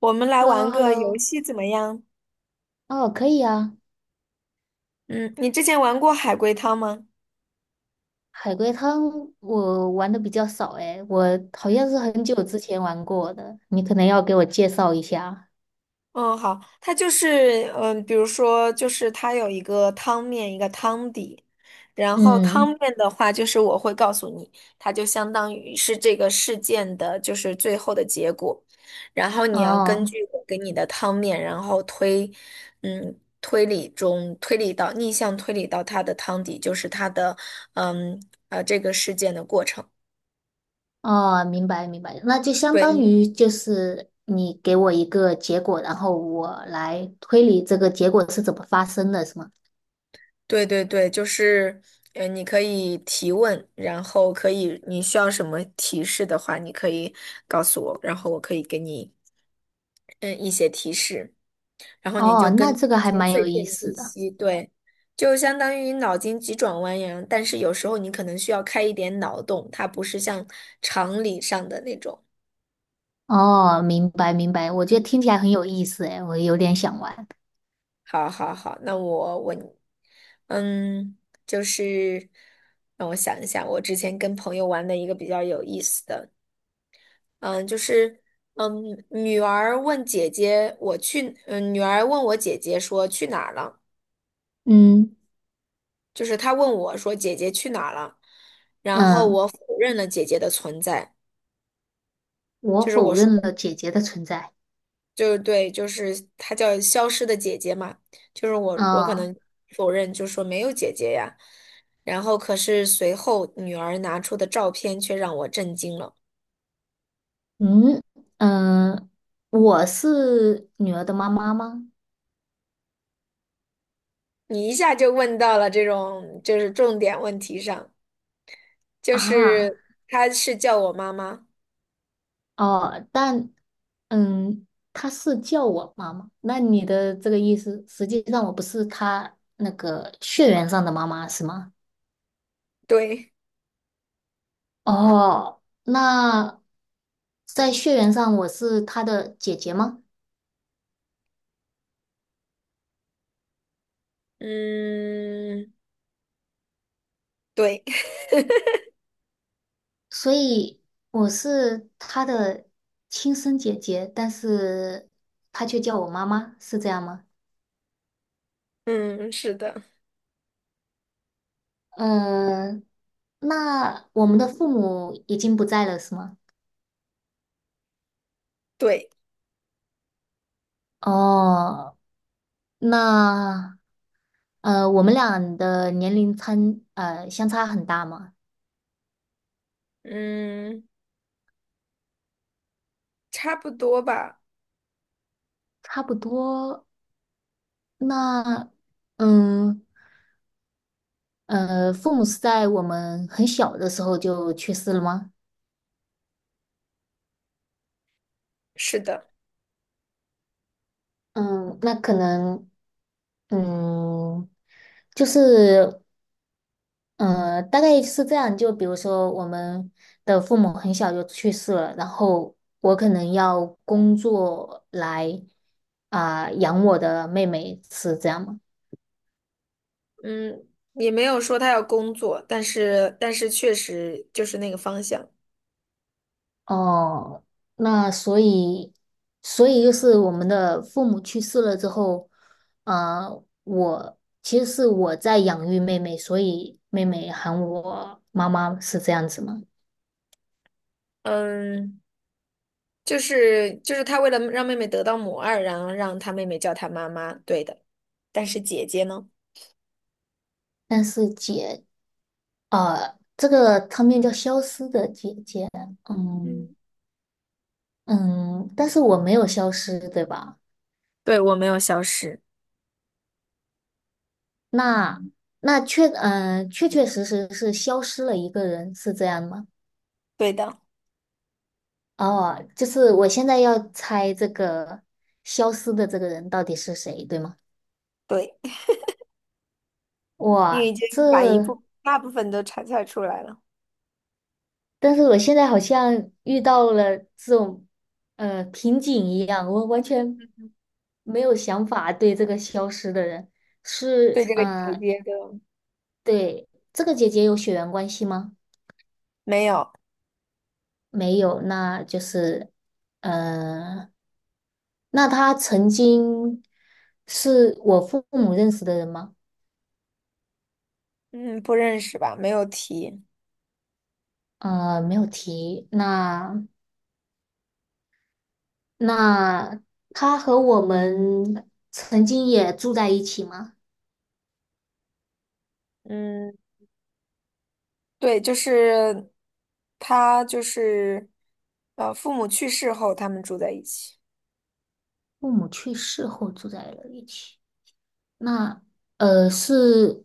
我们来 h e l l o 玩 h e l l 个 o 游戏怎么样？哦，可以啊。嗯，你之前玩过海龟汤吗？海龟汤我玩的比较少诶，我好像嗯是很久之前玩过的，你可能要给我介绍一下。嗯，好，它就是比如说就是它有一个汤面，一个汤底，然后汤嗯，面的话就是我会告诉你，它就相当于是这个事件的就是最后的结果，然后你要根哦，据我给你的汤面，然后推，推理中推理到逆向推理到它的汤底，就是它的嗯这个事件的过程。哦，明白明白，那就相当对。于就是你给我一个结果，然后我来推理这个结果是怎么发生的，是吗？对对对，就是，你可以提问，然后可以，你需要什么提示的话，你可以告诉我，然后我可以给你，嗯，一些提示，然后你就哦，那根这据个这还些蛮碎有意片思信的。息，对，就相当于脑筋急转弯一样，但是有时候你可能需要开一点脑洞，它不是像常理上的那种。哦，明白明白，我觉得听起来很有意思诶，我有点想玩。好好好，那我问你，嗯，就是让我想一下，我之前跟朋友玩的一个比较有意思的。嗯，就是，嗯，女儿问姐姐我去，女儿问我姐姐说去哪儿了，嗯就是她问我说姐姐去哪儿了，然后嗯，我否认了姐姐的存在，我就是我否说，认了姐姐的存在。就是对，就是她叫消失的姐姐嘛，就是我可啊，能否认，就说没有姐姐呀，然后可是随后女儿拿出的照片却让我震惊了，嗯嗯，我是女儿的妈妈吗？你一下就问到了这种就是重点问题上。就啊，是他是叫我妈妈，哦，但嗯，她是叫我妈妈。那你的这个意思，实际上我不是她那个血缘上的妈妈，是吗？对，哦，那在血缘上我是她的姐姐吗？嗯，对，所以我是她的亲生姐姐，但是她却叫我妈妈，是这样吗？嗯，是的，嗯，那我们的父母已经不在了，是吗？对，哦，那呃，我们俩的年龄差相差很大吗？嗯，差不多吧，差不多。那嗯，父母是在我们很小的时候就去世了吗？是的，嗯，那可能嗯，就是。呃，大概是这样。就比如说，我们的父母很小就去世了，然后我可能要工作来啊、养我的妹妹，是这样吗？嗯，也没有说他要工作，但是确实就是那个方向，哦，那所以，所以就是我们的父母去世了之后，呃，我其实是我在养育妹妹，所以妹妹喊我妈妈是这样子吗？嗯，就是他为了让妹妹得到母爱，然后让他妹妹叫他妈妈，对的，但是姐姐呢？但是姐呃，这个汤面叫消失的姐姐，嗯嗯，嗯，但是我没有消失，对吧？对，我没有消失，那那确确确实实是消失了一个人，是这样吗？对的，哦，就是我现在要猜这个消失的这个人到底是谁，对吗？对。你已哇，经把一这部大部分都猜出来了，但是我现在好像遇到了这种呃瓶颈一样，我完全没有想法对这个消失的人对是这个姐呃，姐的对这个姐姐有血缘关系吗？没有，没有，那就是呃，那她曾经是我父母认识的人吗？嗯，不认识吧？没有提，呃，没有提。那那她和我们曾经也住在一起吗？嗯，对，就是他就是父母去世后他们住在一起，父母去世后住在了一起。那是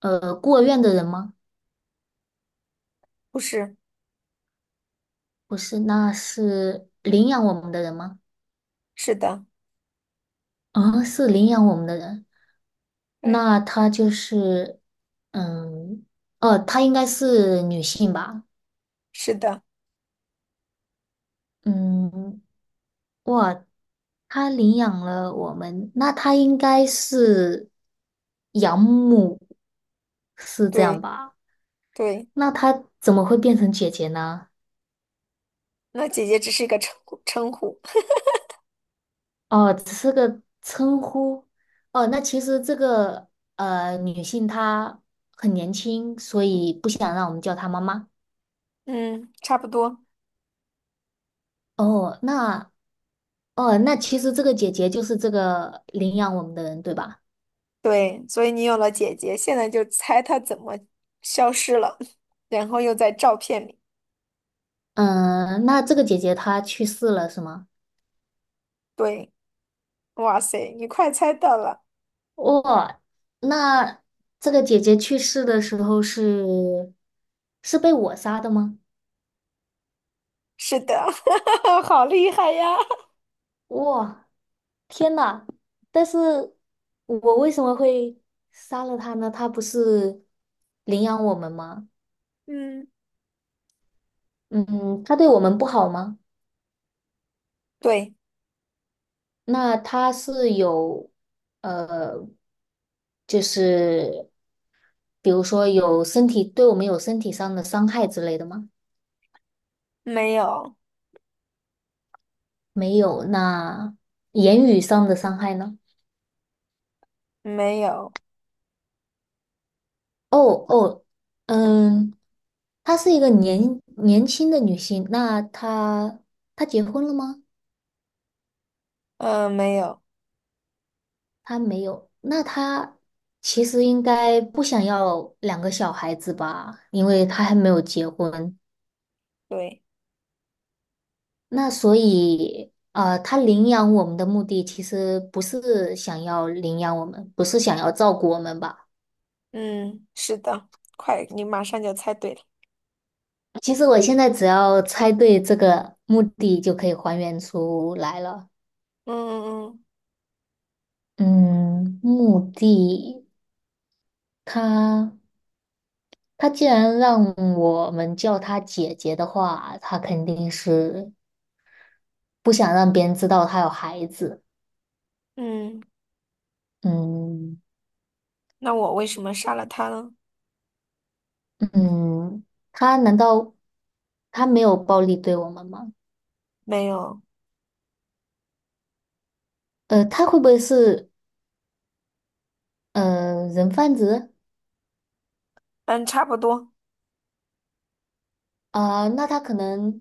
呃孤儿院的人吗？不是？不是，那是领养我们的人吗？是的，啊、是领养我们的人。对，那他就是嗯哦，她应该是女性吧？是的，嗯，哇，他领养了我们，那他应该是养母，是这样对吧？对，那他怎么会变成姐姐呢？那姐姐只是一个称呼，哦，只是个称呼。哦，那其实这个呃女性她很年轻，所以不想让我们叫她妈妈。嗯，差不多，哦，那哦，那其实这个姐姐就是这个领养我们的人，对吧？对，所以你有了姐姐，现在就猜她怎么消失了，然后又在照片里，嗯，那这个姐姐她去世了是吗？对。哇塞，你快猜到了，哦，那这个姐姐去世的时候是是被我杀的吗？是的，好厉害呀 哇，天呐！但是我为什么会杀了他呢？他不是领养我们吗？嗯，嗯，他对我们不好吗？对，那他是有，呃，就是比如说有身体，对我们有身体上的伤害之类的吗？没有，没有，那言语上的伤害呢？没有，哦哦，嗯，她是一个年年轻的女性，那她她结婚了吗？嗯、没有，他没有，那他其实应该不想要两个小孩子吧，因为他还没有结婚。对，那所以，呃，他领养我们的目的其实不是想要领养我们，不是想要照顾我们吧？嗯，是的，快，你马上就猜对了。其实我现在只要猜对这个目的就可以还原出来了。嗯嗯嗯，目的他他既然让我们叫他姐姐的话，他肯定是不想让别人知道他有孩子。嗯嗯，嗯那我为什么杀了他呢？嗯，他难道他没有暴力对我们吗？没有，呃，他会不会是呃人贩子嗯，差不多，啊、那他可能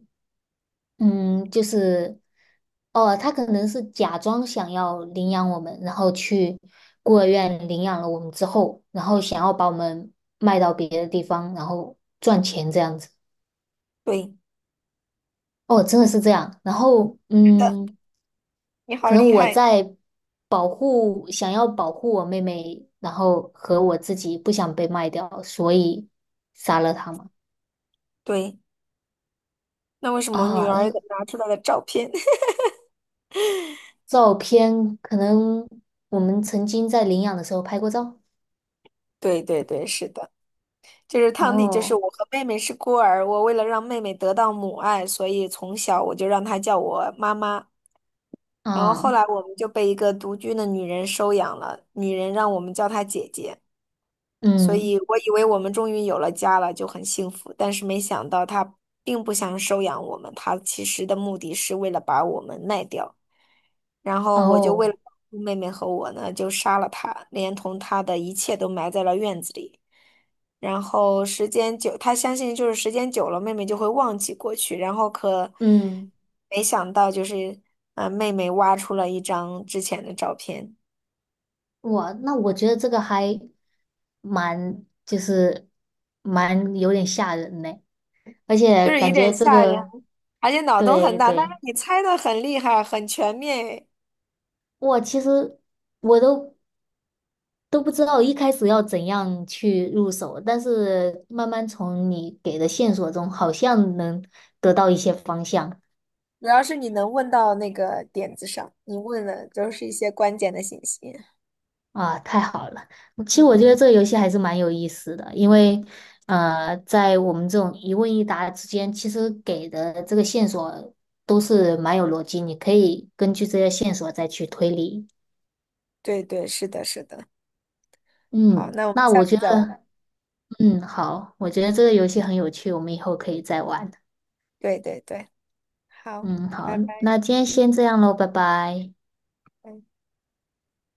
嗯，就是哦，他可能是假装想要领养我们，然后去孤儿院领养了我们之后，然后想要把我们卖到别的地方，然后赚钱这样子。对，哦，真的是这样。然后是的，嗯。你好可能厉我害，在保护，想要保护我妹妹，然后和我自己不想被卖掉，所以杀了她嘛。对，那为什么女啊，儿的拿出来的照片？照片可能我们曾经在领养的时候拍过照。对对对，是的。就是汤底，就是哦，我和妹妹是孤儿，我为了让妹妹得到母爱，所以从小我就让她叫我妈妈。然后后嗯来我们就被一个独居的女人收养了，女人让我们叫她姐姐。所嗯，以我以为我们终于有了家了，就很幸福，但是没想到他并不想收养我们，他其实的目的是为了把我们卖掉。然后我就为了哦，保护妹妹和我呢，就杀了他，连同他的一切都埋在了院子里。然后时间久，他相信就是时间久了，妹妹就会忘记过去。然后可嗯，没想到，就是妹妹挖出了一张之前的照片，哇，那我觉得这个还蛮，就是蛮有点吓人呢，而且就是有感点觉这吓人。个，而且脑洞很对大，但是对。你猜的很厉害，很全面诶。我其实我都都不知道一开始要怎样去入手，但是慢慢从你给的线索中，好像能得到一些方向主要是你能问到那个点子上，你问的都是一些关键的信息。啊，太好了！嗯其嗯实我嗯，觉得嗯，这个游戏还是蛮有意思的，因为呃，在我们这种一问一答之间，其实给的这个线索都是蛮有逻辑，你可以根据这些线索再去推理。对对，是的，是的。好，嗯，那我们那下我觉次再玩。得，嗯，好，我觉得这个游嗯，戏很有趣，我们以后可以再玩。对对对，好，嗯，好，拜拜。那今天先这样喽，拜拜。嗯。